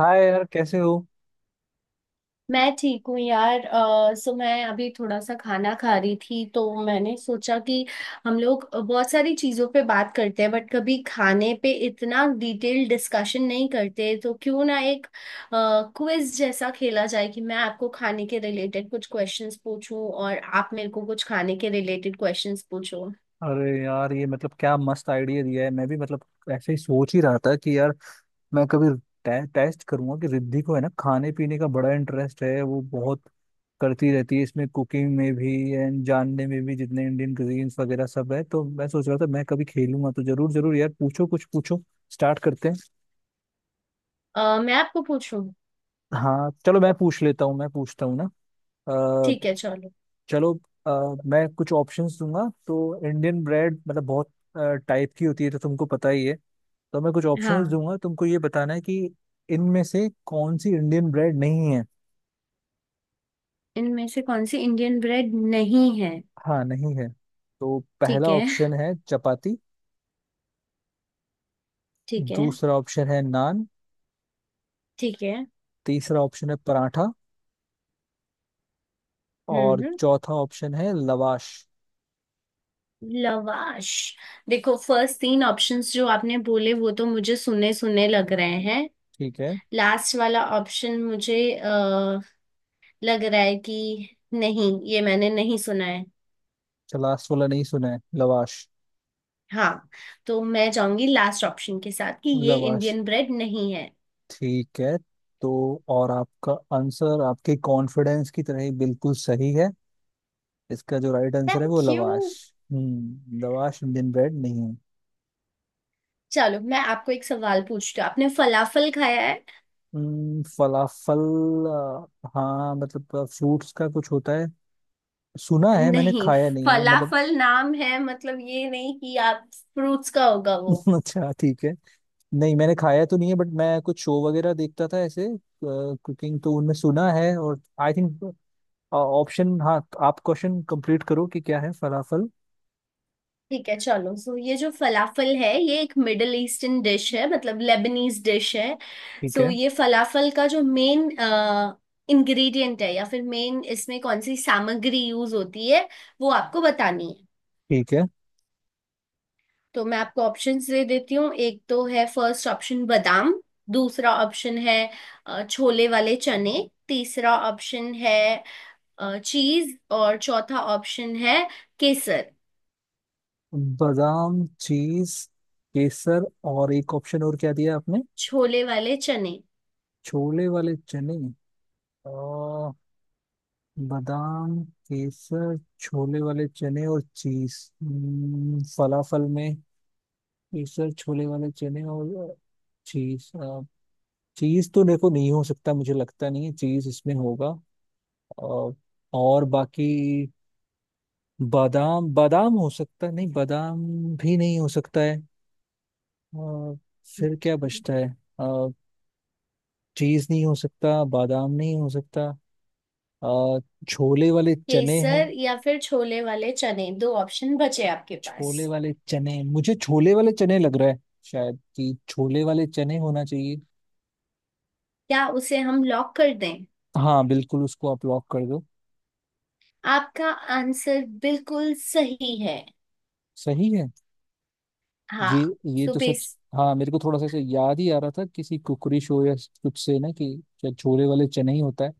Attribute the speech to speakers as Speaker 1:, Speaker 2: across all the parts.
Speaker 1: हाय यार, कैसे हो?
Speaker 2: मैं ठीक हूँ यार सो मैं अभी थोड़ा सा खाना खा रही थी, तो मैंने सोचा कि हम लोग बहुत सारी चीज़ों पे बात करते हैं बट कभी खाने पे इतना डिटेल डिस्कशन नहीं करते, तो क्यों ना एक क्विज जैसा खेला जाए कि मैं आपको खाने के रिलेटेड कुछ क्वेश्चंस पूछूं और आप मेरे को कुछ खाने के रिलेटेड क्वेश्चंस पूछो।
Speaker 1: अरे यार, ये मतलब क्या मस्त आइडिया दिया है। मैं भी मतलब ऐसे ही सोच ही रहा था कि यार, मैं कभी टेस्ट करूंगा कि रिद्धि को है ना, खाने पीने का बड़ा इंटरेस्ट है, वो बहुत करती रहती है इसमें, कुकिंग में भी एंड जानने में भी, जितने इंडियन क्यूजीन्स वगैरह सब है, तो मैं सोच रहा था मैं कभी खेलूंगा। तो जरूर जरूर यार, पूछो कुछ पूछो, स्टार्ट करते हैं।
Speaker 2: मैं आपको पूछूं।
Speaker 1: हाँ चलो, मैं पूछ लेता हूँ, मैं पूछता हूँ ना।
Speaker 2: ठीक है चलो।
Speaker 1: चलो, मैं कुछ ऑप्शंस दूंगा, तो इंडियन ब्रेड मतलब बहुत टाइप की होती है, तो तुमको पता ही है। तो मैं कुछ ऑप्शंस
Speaker 2: हाँ,
Speaker 1: दूंगा, तुमको ये बताना है कि इनमें से कौन सी इंडियन ब्रेड नहीं है।
Speaker 2: इनमें से कौन सी इंडियन ब्रेड नहीं है।
Speaker 1: हाँ, नहीं है। तो
Speaker 2: ठीक
Speaker 1: पहला
Speaker 2: है।
Speaker 1: ऑप्शन है चपाती।
Speaker 2: ठीक है।
Speaker 1: दूसरा ऑप्शन है नान।
Speaker 2: ठीक है।
Speaker 1: तीसरा ऑप्शन है पराठा। और
Speaker 2: हम्म।
Speaker 1: चौथा ऑप्शन है लवाश।
Speaker 2: लवाश। देखो, फर्स्ट तीन ऑप्शंस जो आपने बोले वो तो मुझे सुने सुने लग रहे हैं।
Speaker 1: ठीक है।
Speaker 2: लास्ट वाला ऑप्शन मुझे लग रहा है कि नहीं, ये मैंने नहीं सुना है।
Speaker 1: अच्छा, लास्ट वाला नहीं सुना है, लवाश।
Speaker 2: हाँ। तो मैं जाऊंगी लास्ट ऑप्शन के साथ कि ये
Speaker 1: लवाश,
Speaker 2: इंडियन ब्रेड नहीं है।
Speaker 1: ठीक है। तो और आपका आंसर आपके कॉन्फिडेंस की तरह ही बिल्कुल सही है। इसका जो राइट आंसर है
Speaker 2: थैंक
Speaker 1: वो
Speaker 2: you.
Speaker 1: Lavash. Lavash Indian bread नहीं है।
Speaker 2: चलो मैं आपको एक सवाल पूछती हूँ, आपने फलाफल खाया है।
Speaker 1: फलाफल। हाँ, मतलब फ्रूट्स का कुछ होता है, सुना है, मैंने
Speaker 2: नहीं,
Speaker 1: खाया नहीं है मतलब।
Speaker 2: फलाफल नाम है, मतलब ये नहीं कि आप फ्रूट्स का होगा वो।
Speaker 1: अच्छा, ठीक है। नहीं, मैंने खाया तो नहीं है, बट मैं कुछ शो वगैरह देखता था ऐसे, कुकिंग तो उनमें सुना है। और आई थिंक ऑप्शन, हाँ, आप क्वेश्चन कंप्लीट करो कि क्या है फलाफल।
Speaker 2: ठीक है, चलो। सो ये जो फलाफल है ये एक मिडल ईस्टर्न डिश है, मतलब लेबनीज डिश है।
Speaker 1: ठीक
Speaker 2: सो
Speaker 1: है।
Speaker 2: ये फलाफल का जो मेन इंग्रेडिएंट है, या फिर मेन इसमें कौन सी सामग्री यूज होती है वो आपको बतानी है।
Speaker 1: ठीक है।
Speaker 2: तो मैं आपको ऑप्शंस दे देती हूँ। एक तो है फर्स्ट ऑप्शन, बादाम। दूसरा ऑप्शन है छोले वाले चने। तीसरा ऑप्शन है चीज। और चौथा ऑप्शन है केसर।
Speaker 1: बादाम, चीज, केसर, और एक ऑप्शन और क्या दिया आपने?
Speaker 2: छोले वाले चने।
Speaker 1: छोले वाले चने। और बादाम, केसर, छोले वाले चने और चीज। फलाफल में केसर, छोले वाले चने और चीज। चीज तो देखो नहीं हो सकता, मुझे लगता नहीं है चीज इसमें होगा। और और, बाकी, बादाम, बादाम हो सकता है, नहीं, बादाम भी नहीं हो सकता है। और फिर क्या बचता है? चीज नहीं हो सकता, बादाम नहीं हो सकता, अ, छोले वाले चने हैं।
Speaker 2: केसर या फिर छोले वाले चने, दो ऑप्शन बचे आपके पास।
Speaker 1: छोले वाले चने, मुझे छोले वाले चने लग रहा है। शायद कि छोले वाले चने होना चाहिए।
Speaker 2: क्या उसे हम लॉक कर दें।
Speaker 1: हाँ, बिल्कुल, उसको आप लॉक कर दो।
Speaker 2: आपका आंसर बिल्कुल सही है।
Speaker 1: सही है।
Speaker 2: हाँ।
Speaker 1: ये ये
Speaker 2: सो
Speaker 1: तो सच।
Speaker 2: बेस।
Speaker 1: हाँ, मेरे को थोड़ा सा ऐसे याद ही आ रहा था किसी कुकरी शो या कुछ से ना कि शायद छोले वाले चने ही होता है।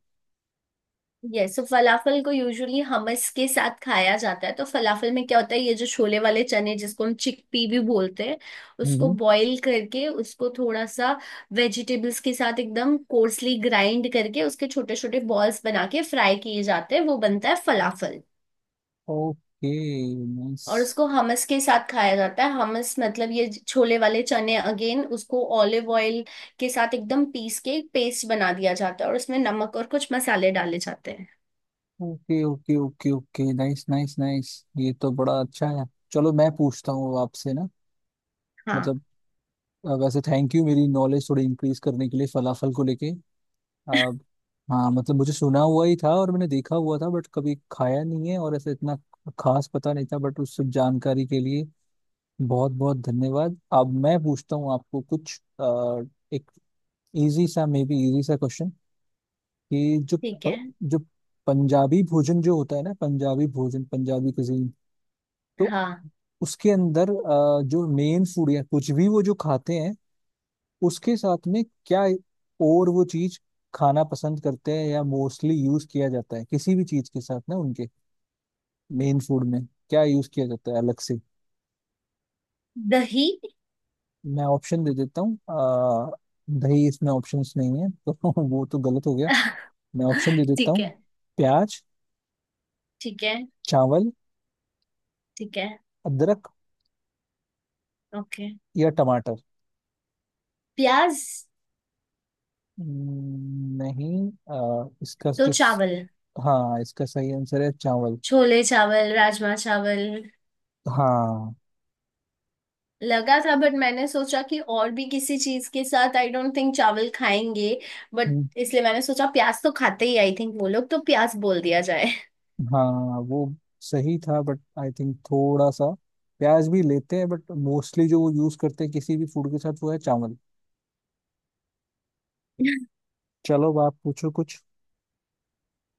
Speaker 2: यस। सो फलाफल को यूजुअली हमस के साथ खाया जाता है। तो फलाफल में क्या होता है, ये जो छोले वाले चने जिसको हम चिकपी भी बोलते हैं,
Speaker 1: हम्म
Speaker 2: उसको
Speaker 1: हम्म।
Speaker 2: बॉईल करके, उसको थोड़ा सा वेजिटेबल्स के साथ एकदम कोर्सली ग्राइंड करके उसके छोटे छोटे बॉल्स बना के फ्राई किए जाते हैं, वो बनता है फलाफल।
Speaker 1: Okay, nice.
Speaker 2: और उसको हमस के साथ खाया जाता है। हमस मतलब ये छोले वाले चने अगेन, उसको ऑलिव ऑयल के साथ एकदम पीस के पेस्ट बना दिया जाता है, और उसमें नमक और कुछ मसाले डाले जाते हैं।
Speaker 1: Okay okay okay okay, nice nice nice. ये तो बड़ा अच्छा है। चलो, मैं पूछता हूँ अब आपसे ना,
Speaker 2: हाँ।
Speaker 1: मतलब, वैसे थैंक यू मेरी नॉलेज थोड़ी इंक्रीज करने के लिए फलाफल को लेके। अब, हाँ, मतलब मुझे सुना हुआ ही था और मैंने देखा हुआ था, बट कभी खाया नहीं है और ऐसे इतना खास पता नहीं था। बट उस सब जानकारी के लिए बहुत बहुत धन्यवाद। अब मैं पूछता हूँ आपको कुछ, एक इजी सा, मे बी इजी सा क्वेश्चन। कि जो
Speaker 2: ठीक है।
Speaker 1: जो पंजाबी भोजन जो होता है ना, पंजाबी भोजन, पंजाबी कुजीन, तो
Speaker 2: हाँ।
Speaker 1: उसके अंदर जो मेन फूड या कुछ भी वो जो खाते हैं, उसके साथ में क्या, और वो चीज खाना पसंद करते हैं या मोस्टली यूज किया जाता है किसी भी चीज के साथ ना, उनके मेन फूड में क्या यूज किया जाता है अलग से।
Speaker 2: दही।
Speaker 1: मैं ऑप्शन दे देता हूँ। दही इसमें ऑप्शंस नहीं है, तो वो तो गलत हो गया। मैं ऑप्शन दे देता
Speaker 2: ठीक
Speaker 1: हूँ।
Speaker 2: है।
Speaker 1: प्याज,
Speaker 2: ठीक है।
Speaker 1: चावल,
Speaker 2: ठीक है।
Speaker 1: अदरक,
Speaker 2: ओके।
Speaker 1: या टमाटर।
Speaker 2: प्याज।
Speaker 1: नहीं।
Speaker 2: तो चावल।
Speaker 1: हाँ इसका सही आंसर है चावल।
Speaker 2: छोले चावल राजमा चावल
Speaker 1: हाँ।
Speaker 2: लगा था, बट मैंने सोचा कि और भी किसी चीज के साथ आई डोंट थिंक चावल खाएंगे, बट
Speaker 1: हम्म।
Speaker 2: इसलिए मैंने सोचा प्याज तो खाते ही आई थिंक वो लोग, तो प्याज बोल दिया जाए।
Speaker 1: हाँ, वो सही था, बट आई थिंक थोड़ा सा प्याज भी लेते हैं, बट मोस्टली जो वो यूज करते हैं किसी भी फूड के साथ वो है चावल। चलो, अब आप पूछो कुछ।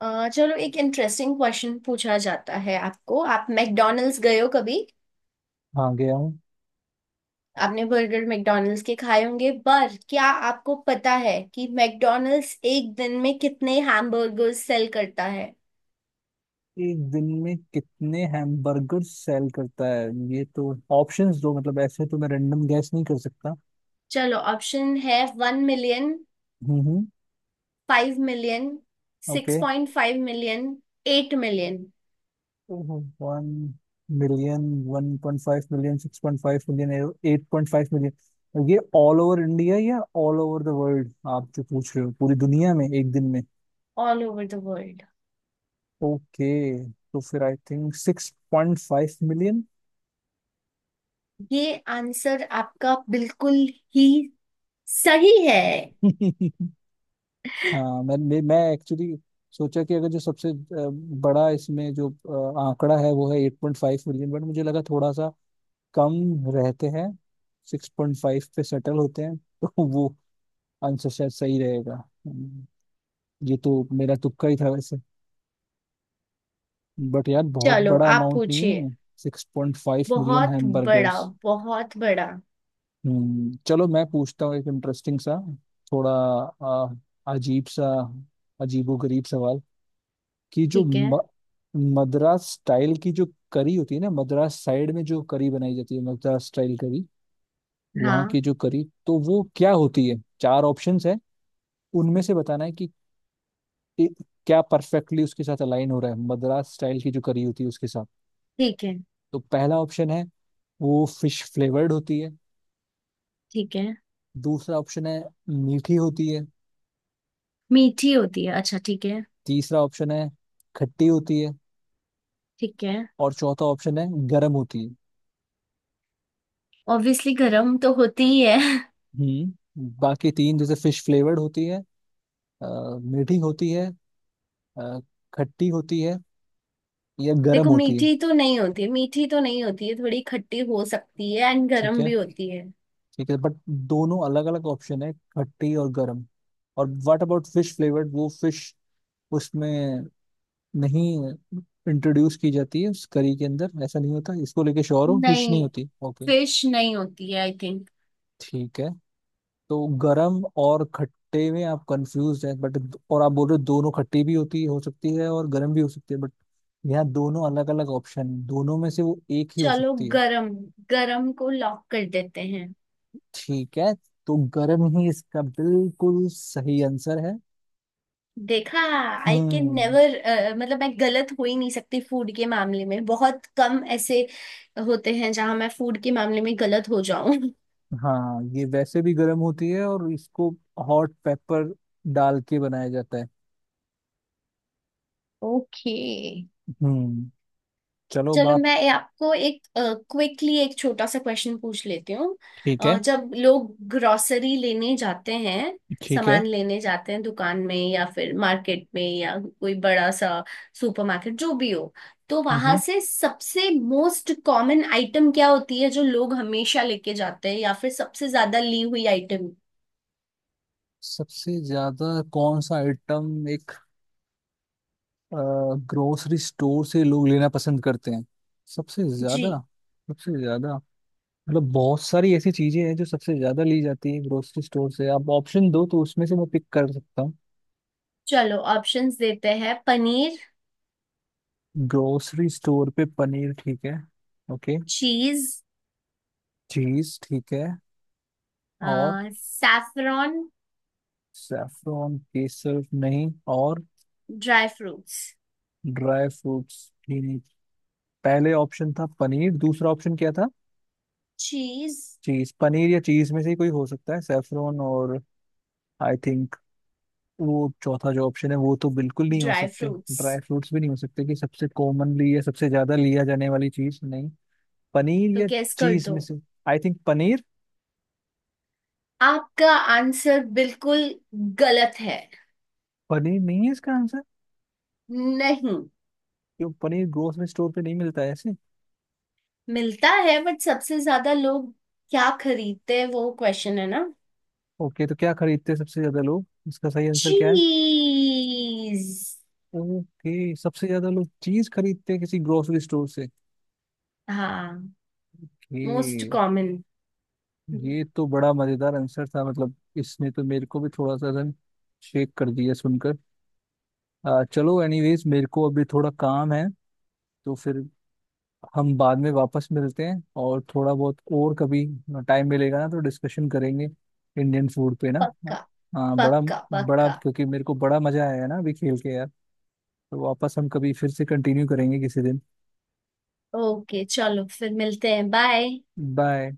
Speaker 2: चलो एक इंटरेस्टिंग क्वेश्चन पूछा जाता है आपको। आप मैकडोनल्ड्स गए हो कभी।
Speaker 1: हाँ, गया हूँ।
Speaker 2: आपने बर्गर मैकडोनल्ड्स के खाए होंगे, पर क्या आपको पता है कि मैकडोनल्ड्स एक दिन में कितने हैमबर्गर्स सेल करता है।
Speaker 1: एक दिन में कितने हैमबर्गर सेल करता है? ये तो ऑप्शंस दो, मतलब ऐसे तो मैं रैंडम गैस नहीं कर सकता।
Speaker 2: चलो, ऑप्शन है 1 मिलियन,
Speaker 1: हम्म,
Speaker 2: 5 million,
Speaker 1: okay.
Speaker 2: 6.5 million, 8 million.
Speaker 1: 1 million, 1.5 million, 6.5 million, 8.5 million, ये ऑल ओवर इंडिया या ऑल ओवर द वर्ल्ड? आप जो पूछ रहे हो पूरी दुनिया में एक दिन में?
Speaker 2: All over the world.
Speaker 1: Okay, तो फिर आई थिंक 6.5 मिलियन।
Speaker 2: ये आंसर आपका बिल्कुल ही सही है।
Speaker 1: हाँ, मैं मैं एक्चुअली सोचा कि अगर जो सबसे बड़ा इसमें जो आंकड़ा है वो है 8.5 मिलियन, बट मुझे लगा थोड़ा सा कम रहते हैं, 6.5 पे सेटल होते हैं। तो वो आंसर शायद सही रहेगा। हम्म, ये तो मेरा तुक्का ही था वैसे। बट यार, बहुत
Speaker 2: चलो
Speaker 1: बड़ा
Speaker 2: आप
Speaker 1: अमाउंट नहीं
Speaker 2: पूछिए।
Speaker 1: है, 6.5 मिलियन
Speaker 2: बहुत बड़ा।
Speaker 1: हैमबर्गर्स।
Speaker 2: बहुत बड़ा।
Speaker 1: चलो, मैं पूछता हूँ एक इंटरेस्टिंग सा, थोड़ा आ, अजीब सा, अजीबो गरीब सवाल। कि जो
Speaker 2: ठीक है।
Speaker 1: मद्रास स्टाइल की जो करी होती है ना, मद्रास साइड में जो करी बनाई जाती है, मद्रास स्टाइल करी, वहाँ
Speaker 2: हाँ।
Speaker 1: की जो करी, तो वो क्या होती है? चार ऑप्शंस है, उनमें से बताना है कि ए- क्या परफेक्टली उसके साथ अलाइन हो रहा है मद्रास स्टाइल की जो करी होती है उसके साथ।
Speaker 2: ठीक है।
Speaker 1: तो पहला ऑप्शन है वो फिश फ्लेवर्ड होती है।
Speaker 2: ठीक है।
Speaker 1: दूसरा ऑप्शन है मीठी होती है।
Speaker 2: मीठी होती है, अच्छा ठीक है।
Speaker 1: तीसरा ऑप्शन है खट्टी होती है।
Speaker 2: ठीक है।
Speaker 1: और चौथा ऑप्शन है गर्म होती है।
Speaker 2: ऑब्वियसली गर्म तो होती ही है।
Speaker 1: बाकी तीन, जैसे फिश फ्लेवर्ड होती है, अ, मीठी होती है, अ, खट्टी होती है, या गर्म
Speaker 2: देखो,
Speaker 1: होती है।
Speaker 2: मीठी तो नहीं होती है, मीठी तो नहीं होती है, थोड़ी खट्टी हो सकती है एंड
Speaker 1: ठीक
Speaker 2: गर्म
Speaker 1: है।
Speaker 2: भी होती है।
Speaker 1: ठीक है बट दोनों अलग अलग ऑप्शन है, खट्टी और गर्म। और व्हाट अबाउट फिश फ्लेवर्ड? वो फिश उसमें नहीं इंट्रोड्यूस की जाती है उस करी के अंदर, ऐसा नहीं होता। इसको लेके श्योर हो फिश
Speaker 2: नहीं,
Speaker 1: नहीं होती? ओके,
Speaker 2: फिश नहीं होती है आई थिंक।
Speaker 1: ठीक है। तो गरम और खट्टे में आप कंफ्यूज हैं बट, और आप बोल रहे हो दोनों खट्टी भी होती हो सकती है और गरम भी हो सकती है, बट यहाँ दोनों अलग अलग ऑप्शन है, दोनों में से वो एक ही हो
Speaker 2: चलो
Speaker 1: सकती है।
Speaker 2: गरम। गरम को लॉक कर देते हैं।
Speaker 1: ठीक है, तो गरम ही इसका बिल्कुल सही आंसर है।
Speaker 2: देखा। I can
Speaker 1: hmm.
Speaker 2: नेवर, मतलब मैं गलत हो ही नहीं सकती फूड के मामले में। बहुत कम ऐसे होते हैं जहां मैं फूड के मामले में गलत हो जाऊं।
Speaker 1: हाँ, ये वैसे भी गर्म होती है और इसको हॉट पेपर डाल के बनाया जाता है।
Speaker 2: ओके।
Speaker 1: हम्म चलो
Speaker 2: चलो
Speaker 1: बाप।
Speaker 2: मैं आपको एक क्विकली एक छोटा सा क्वेश्चन पूछ लेती हूँ।
Speaker 1: ठीक है।
Speaker 2: जब लोग ग्रोसरी लेने जाते हैं,
Speaker 1: ठीक है।
Speaker 2: सामान लेने जाते हैं दुकान में या फिर मार्केट में या कोई बड़ा सा सुपरमार्केट जो भी हो, तो वहां
Speaker 1: हम्म
Speaker 2: से सबसे मोस्ट कॉमन आइटम क्या होती है जो लोग हमेशा लेके जाते हैं, या फिर सबसे ज्यादा ली हुई आइटम।
Speaker 1: सबसे ज्यादा कौन सा आइटम एक ग्रोसरी स्टोर से लोग लेना पसंद करते हैं, सबसे ज्यादा?
Speaker 2: जी।
Speaker 1: सबसे ज्यादा मतलब बहुत सारी ऐसी चीजें हैं जो सबसे ज्यादा ली जाती है ग्रोसरी स्टोर से, आप ऑप्शन दो तो उसमें से मैं पिक कर सकता हूँ।
Speaker 2: चलो ऑप्शंस देते हैं। पनीर।
Speaker 1: ग्रोसरी स्टोर पे पनीर, ठीक है। ओके,
Speaker 2: चीज।
Speaker 1: चीज, ठीक है। और
Speaker 2: सैफरॉन।
Speaker 1: सैफरॉन, केसर नहीं। और
Speaker 2: ड्राई फ्रूट्स।
Speaker 1: ड्राई फ्रूट्स भी नहीं। पहले ऑप्शन था पनीर, दूसरा ऑप्शन क्या था?
Speaker 2: चीज।
Speaker 1: चीज। पनीर या चीज में से ही कोई हो सकता है। सैफरॉन और, आई थिंक, वो चौथा जो ऑप्शन है वो तो बिल्कुल नहीं हो
Speaker 2: ड्राई
Speaker 1: सकते।
Speaker 2: फ्रूट्स।
Speaker 1: ड्राई फ्रूट्स भी नहीं हो सकते कि सबसे कॉमनली या सबसे ज्यादा लिया जाने वाली चीज नहीं। पनीर
Speaker 2: तो
Speaker 1: या
Speaker 2: गेस कर
Speaker 1: चीज
Speaker 2: दो।
Speaker 1: में से, आई थिंक पनीर।
Speaker 2: आपका आंसर बिल्कुल गलत है।
Speaker 1: पनीर नहीं है इसका आंसर?
Speaker 2: नहीं।
Speaker 1: क्यों, पनीर ग्रोसरी स्टोर पे नहीं मिलता है ऐसे?
Speaker 2: मिलता है, बट सबसे ज्यादा लोग क्या खरीदते हैं वो क्वेश्चन है ना।
Speaker 1: ओके, तो क्या खरीदते हैं सबसे ज्यादा लोग? इसका सही आंसर क्या है?
Speaker 2: चीज।
Speaker 1: ओके, सबसे ज्यादा लोग चीज खरीदते हैं किसी ग्रोसरी स्टोर से।
Speaker 2: हाँ। मोस्ट
Speaker 1: ये
Speaker 2: कॉमन।
Speaker 1: ये तो बड़ा मजेदार आंसर था, मतलब इसने तो मेरे को भी थोड़ा सा रन शेक कर दिया सुनकर। चलो एनीवेज, मेरे को अभी थोड़ा काम है, तो फिर हम बाद में वापस मिलते हैं। और थोड़ा बहुत और कभी टाइम मिलेगा ना, तो डिस्कशन करेंगे इंडियन फूड पे ना।
Speaker 2: पक्का
Speaker 1: हाँ, बड़ा।
Speaker 2: पक्का
Speaker 1: बड़ा,
Speaker 2: पक्का।
Speaker 1: क्योंकि मेरे को बड़ा मजा आया ना अभी खेल के यार। तो वापस हम कभी फिर से कंटिन्यू करेंगे किसी दिन।
Speaker 2: ओके, चलो फिर मिलते हैं। बाय।
Speaker 1: बाय।